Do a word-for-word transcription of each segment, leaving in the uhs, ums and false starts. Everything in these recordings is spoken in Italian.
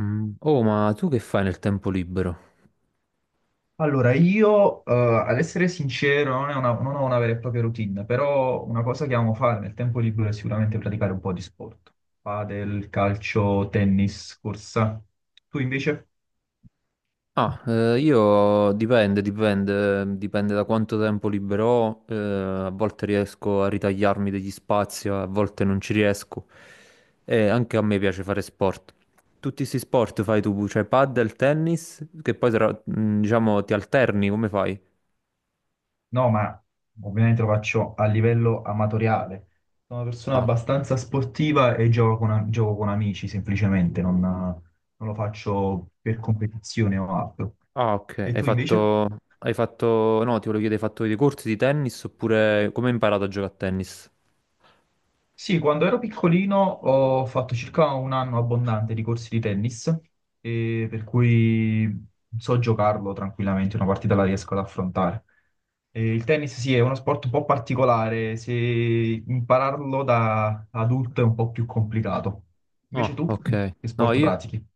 Mm. Oh, ma tu che fai nel tempo libero? Allora, io, eh, ad essere sincero, non, è una- non ho una vera e propria routine, però una cosa che amo fare nel tempo libero è sicuramente praticare un po' di sport. Padel, calcio, tennis, corsa. Tu invece? Ah, eh, io dipende, dipende, dipende da quanto tempo libero ho. Eh, a volte riesco a ritagliarmi degli spazi, a volte non ci riesco. E anche a me piace fare sport. Tutti questi sport fai tu, cioè padel, tennis, che poi tra- mm, diciamo ti alterni, come fai? No, ma ovviamente lo faccio a livello amatoriale. Sono una persona Ah, abbastanza sportiva e gioco con, gioco con amici, semplicemente, non non lo faccio per competizione o altro. ah, ok. E Hai tu invece? fatto, hai fatto, no, ti volevo chiedere, hai fatto dei corsi di tennis oppure come hai imparato a giocare a tennis? Sì, quando ero piccolino ho fatto circa un anno abbondante di corsi di tennis, e per cui so giocarlo tranquillamente, una partita la riesco ad affrontare. E il tennis sì, è uno sport un po' particolare, se impararlo da adulto è un po' più complicato. Invece Ah, tu, ok. che No, sport pratichi?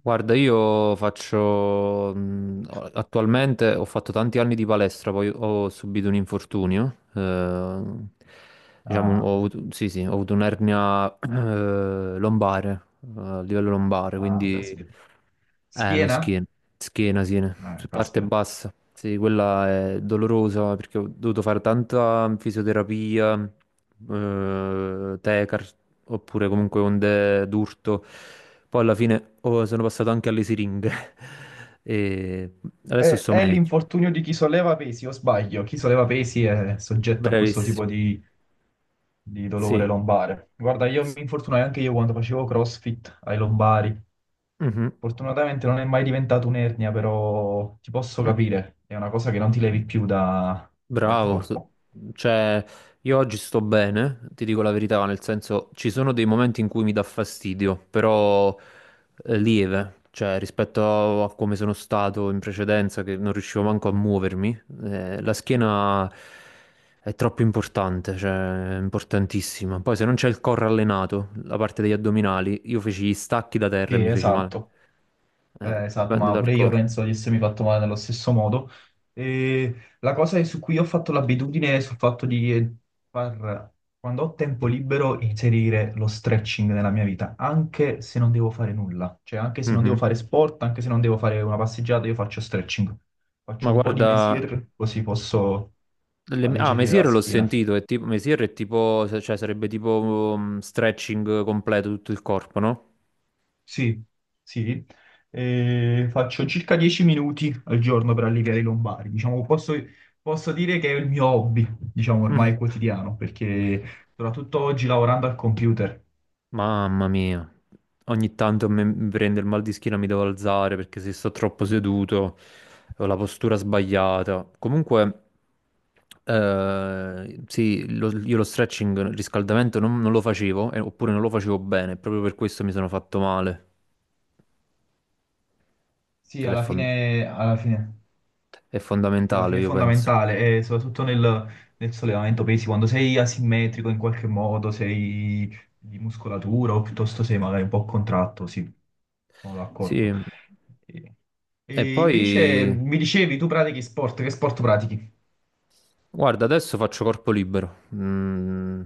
guarda, io faccio mh, attualmente ho fatto tanti anni di palestra, poi ho subito un infortunio. Eh, diciamo, Ah, ho avuto, sì, sì, ho avuto un'ernia eh, lombare, eh, a livello lombare, ah, quindi caspita. eh, la Schiena? schiena, schiena, sì, su Eh, parte caspita. bassa. Sì, quella è dolorosa perché ho dovuto fare tanta fisioterapia, eh, tecar, oppure comunque onde d'urto. Poi alla fine oh, sono passato anche alle siringhe e È, adesso sto è meglio. l'infortunio di chi solleva pesi, o sbaglio? Chi solleva pesi è soggetto a questo Bravissimo. tipo di di Sì. dolore lombare. Guarda, io Sì. mi infortunai anche io quando facevo CrossFit ai lombari. Fortunatamente non è mai diventato un'ernia, però ti posso Mhm. capire, è una cosa che non ti levi più da- dal Bravo, so- corpo. cioè io oggi sto bene, ti dico la verità, nel senso ci sono dei momenti in cui mi dà fastidio, però eh, lieve, cioè rispetto a come sono stato in precedenza che non riuscivo manco a muovermi, eh, la schiena è troppo importante, cioè è importantissima. Poi se non c'è il core allenato, la parte degli addominali, io feci gli stacchi da terra e Sì, mi feci male. esatto. Eh, Eh, esatto, dipende ma dal pure io core. penso di essermi fatto male nello stesso modo. E la cosa è su cui ho fatto l'abitudine è sul fatto di far, quando ho tempo libero, inserire lo stretching nella mia vita, anche se non devo fare nulla. Cioè, anche se non devo Mhm. fare sport, anche se non devo fare una passeggiata, io faccio stretching. Faccio Ma un po' di guarda, mesier, così posso Le- ah, alleggerire la Mesier l'ho schiena. sentito, è tipo, Mesier è tipo, cioè sarebbe tipo um, stretching completo tutto il corpo, no? Sì, sì, eh, faccio circa dieci minuti al giorno per alleviare i lombari. Diciamo, posso, posso dire che è il mio hobby, diciamo, ormai quotidiano, perché soprattutto oggi lavorando al computer. Mamma mia, ogni tanto me- mi prende il mal di schiena, mi devo alzare perché se sto troppo seduto ho la postura sbagliata. Comunque, eh, sì, lo- io lo stretching, il riscaldamento non, non lo facevo, eh, oppure non lo facevo bene, proprio per questo mi sono fatto male, Sì, che è alla fon- fine, alla fine. è Sì, alla fondamentale, fine è io penso. fondamentale, e soprattutto nel, nel sollevamento pesi, quando sei asimmetrico in qualche modo, sei di muscolatura o piuttosto sei magari un po' contratto, sì, sono d'accordo. Sì. E, E e poi, invece mi dicevi, tu pratichi sport, che sport pratichi? guarda, adesso faccio corpo libero. Mm,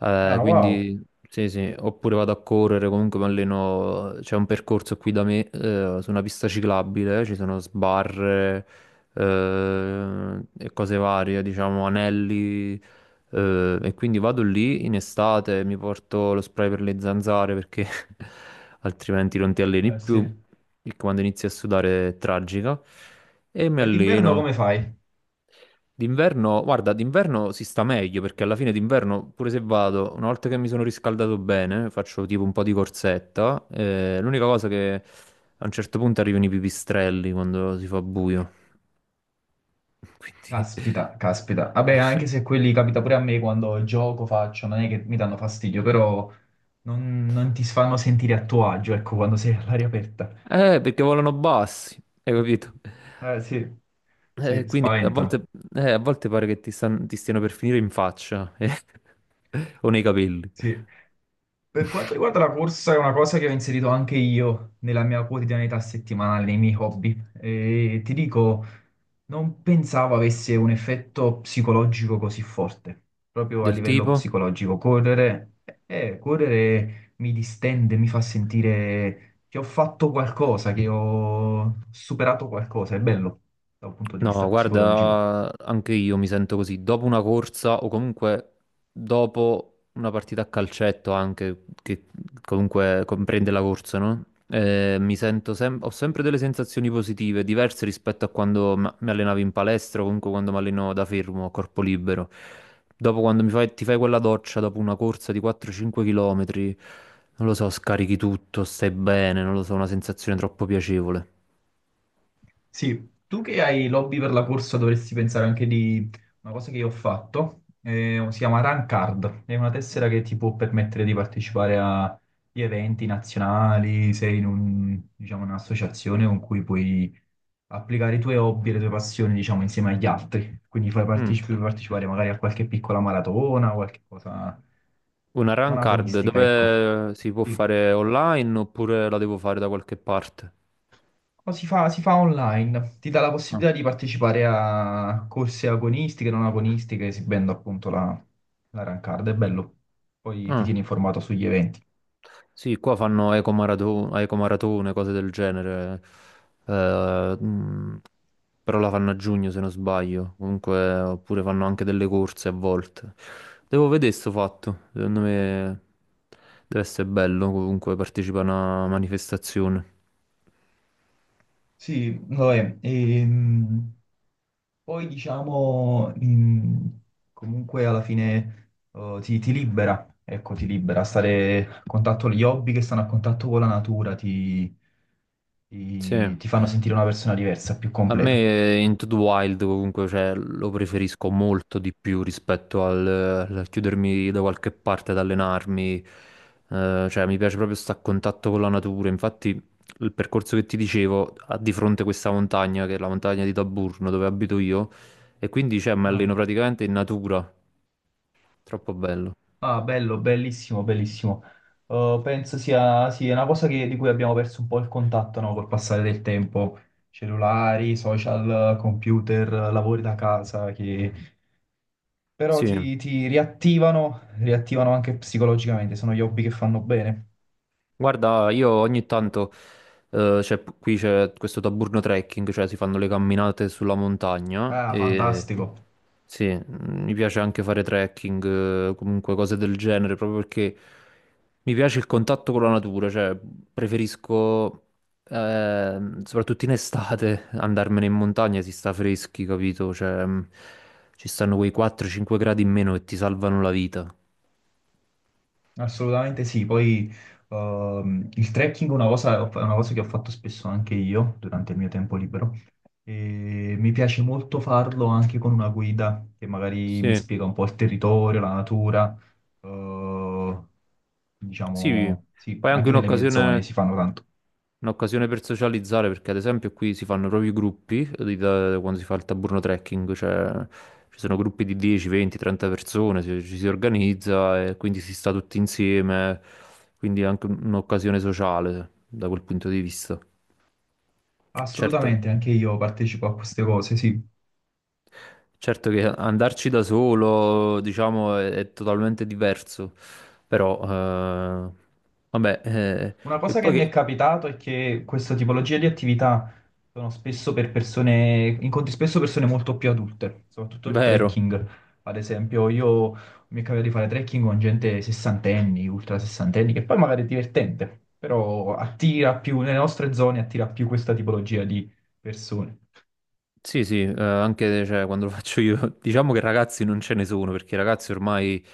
eh, Ah, wow, quindi sì, sì, oppure vado a correre, comunque mi alleno, c'è un percorso qui da me, eh, su una pista ciclabile, ci sono sbarre, eh, e cose varie, diciamo, anelli, eh, e quindi vado lì in estate, mi porto lo spray per le zanzare perché altrimenti non ti alleni eh, più, sì. e quando inizi a sudare è tragica, e mi E d'inverno alleno. come fai? D'inverno, guarda, d'inverno si sta meglio perché alla fine d'inverno, pure se vado, una volta che mi sono riscaldato bene, faccio tipo un po' di corsetta. Eh, l'unica cosa che a un certo punto arrivano i pipistrelli quando si fa buio. Quindi... Caspita, caspita. Vabbè, anche se quelli capita pure a me quando gioco, faccio, non è che mi danno fastidio, però non, non ti fanno sentire a tuo agio, ecco, quando sei all'aria aperta. Eh, perché volano bassi, hai capito? Eh, sì, Eh, sì, quindi a spaventano. volte, eh, a volte pare che ti, stan- ti stiano per finire in faccia, eh, o nei capelli. Sì. Per quanto riguarda la corsa, è una cosa che ho inserito anche io nella mia quotidianità settimanale, nei miei hobby. E ti dico, non pensavo avesse un effetto psicologico così forte, proprio a Del livello tipo? psicologico. Correre, eh, correre mi distende, mi fa sentire che ho fatto qualcosa, che ho superato qualcosa. È bello da un punto di vista No, psicologico. guarda, anche io mi sento così. Dopo una corsa o comunque dopo una partita a calcetto anche, che comunque comprende la corsa, no? Eh, mi sento sem- ho sempre delle sensazioni positive, diverse rispetto a quando m- mi allenavo in palestra o comunque quando mi alleno da fermo, a corpo libero. Dopo quando mi fai- ti fai quella doccia dopo una corsa di quattro cinque km, non lo so, scarichi tutto, stai bene, non lo so, una sensazione troppo piacevole. Sì, tu che hai l'hobby per la corsa dovresti pensare anche di una cosa che io ho fatto, eh, si chiama Run Card, è una tessera che ti può permettere di partecipare a gli eventi nazionali, sei in un- diciamo, un'associazione con cui puoi applicare i tuoi hobby e le tue passioni, diciamo, insieme agli altri, quindi fai Mm. partecipi- partecipare magari a qualche piccola maratona, qualche cosa Una run non card agonistica, ecco. dove si può Sì. fare online oppure la devo fare da qualche parte? O si fa, si fa online, ti dà la Ah. possibilità di partecipare a corse agonistiche, non agonistiche, esibendo appunto la, la run card, è bello. Poi ti Ah, tieni informato sugli eventi. sì, qua fanno ecomaratu- ecomaratone, cose del genere. Eh, mh, però la fanno a giugno se non sbaglio. Comunque, oppure fanno anche delle corse a volte. Devo vedere sto fatto. Secondo me deve essere bello comunque partecipare a una manifestazione. Sì, vabbè, ehm, poi diciamo, in- comunque alla fine eh, ti, ti libera, ecco, ti libera, stare a contatto gli hobby che stanno a contatto con la natura, ti, Sì. ti ti fanno sentire una persona diversa, più A completa. me eh, Into the Wild comunque cioè, lo preferisco molto di più rispetto al, eh, al chiudermi da qualche parte ad allenarmi. Eh, cioè mi piace proprio stare a contatto con la natura, infatti il percorso che ti dicevo ha di fronte questa montagna che è la montagna di Taburno dove abito io e quindi cioè, mi Ah. alleno praticamente in natura, troppo bello. Ah, bello, bellissimo, bellissimo. Eh, penso sia, sì, è una cosa che- di cui abbiamo perso un po' il contatto, no, col passare del tempo. Cellulari, social, computer, lavori da casa, che però Sì. ti, ti riattivano, riattivano anche psicologicamente, sono gli hobby che fanno bene. Guarda, io ogni Sì. tanto, eh, c'è- qui c'è questo taburno trekking, cioè si fanno le camminate sulla montagna Ah, e fantastico, sì, mm, mi piace anche fare trekking, eh, comunque cose del genere, proprio perché mi piace il contatto con la natura, cioè preferisco, ehm, soprattutto in estate, andarmene in montagna, si sta freschi, capito? Cioè, mm, ci stanno quei quattro a cinque gradi in meno che ti salvano la vita. assolutamente sì. Poi ehm, il trekking è una cosa, è una cosa che ho fatto spesso anche io durante il mio tempo libero. E mi piace molto farlo anche con una guida che magari mi Sì, spiega un po' il territorio, la natura, eh, sì, diciamo, sì, poi è anche anche nelle mie zone un'occasione... si fanno tanto. Un'occasione per socializzare perché ad esempio qui si fanno proprio i gruppi di- da- quando si fa il Taburno Trekking, cioè ci sono gruppi di dieci, venti, trenta persone, ci, ci si organizza e quindi si sta tutti insieme, quindi è anche un- un'occasione sociale da quel punto di vista. Certo, Assolutamente, anche io partecipo a queste cose, sì. certo che andarci da solo, diciamo, è, è totalmente diverso, però eh, vabbè, eh, Una e cosa che poi mi è che... capitato è che questa tipologia di attività sono spesso per persone, incontri spesso persone molto più adulte, soprattutto il Vero, trekking. Ad esempio, io mi è capitato di fare trekking con gente sessantenni, ultra sessantenni, che poi magari è divertente, però attira più, nelle nostre zone attira più questa tipologia di persone. sì, sì, eh, anche cioè, quando lo faccio io, diciamo che ragazzi non ce ne sono, perché i ragazzi ormai,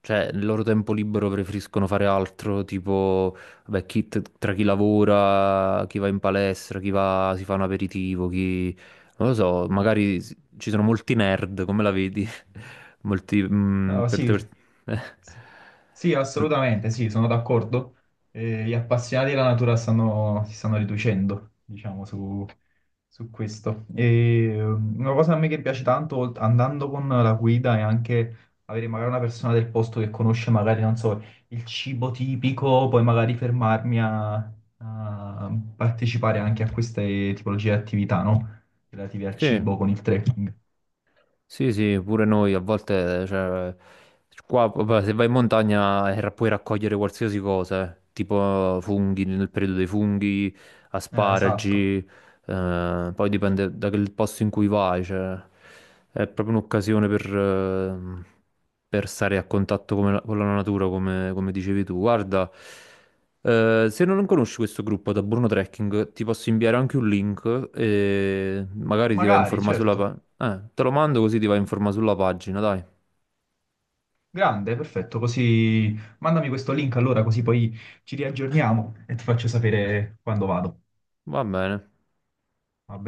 cioè, nel loro tempo libero preferiscono fare altro, tipo, vabbè, chi, t- tra chi lavora, chi va in palestra, chi va, si fa un aperitivo, chi, non lo so, magari s- ci sono molti nerd, come la vedi? Molti, mm, No, per, sì, per- eh. sì, sì, Mol- assolutamente, sì, sono d'accordo. Eh, gli appassionati della natura stanno- si stanno riducendo, diciamo, su, su questo. E, um, una cosa a me che piace tanto, olt- andando con la guida, è anche avere magari una persona del posto che conosce magari, non so, il cibo tipico, poi magari fermarmi a, a partecipare anche a queste tipologie di attività, no? Relative al Sì. cibo con il trekking. Sì, sì, pure noi a volte, cioè, qua vabbè, se vai in montagna eh, ra- puoi raccogliere qualsiasi cosa, eh, tipo funghi, nel periodo dei funghi, Eh, esatto, asparagi, eh, poi dipende dal posto in cui vai, cioè, è proprio un'occasione per, eh, per stare a contatto come la- con la natura, come, come dicevi tu. Guarda, eh, se non conosci questo gruppo da Bruno Trekking, ti posso inviare anche un link e magari ti vai a magari, informare certo. sulla, eh, te lo mando così ti vai in forma sulla pagina, dai. Grande, perfetto, così mandami questo link allora, così poi ci riaggiorniamo e ti faccio sapere quando vado. Va bene. Va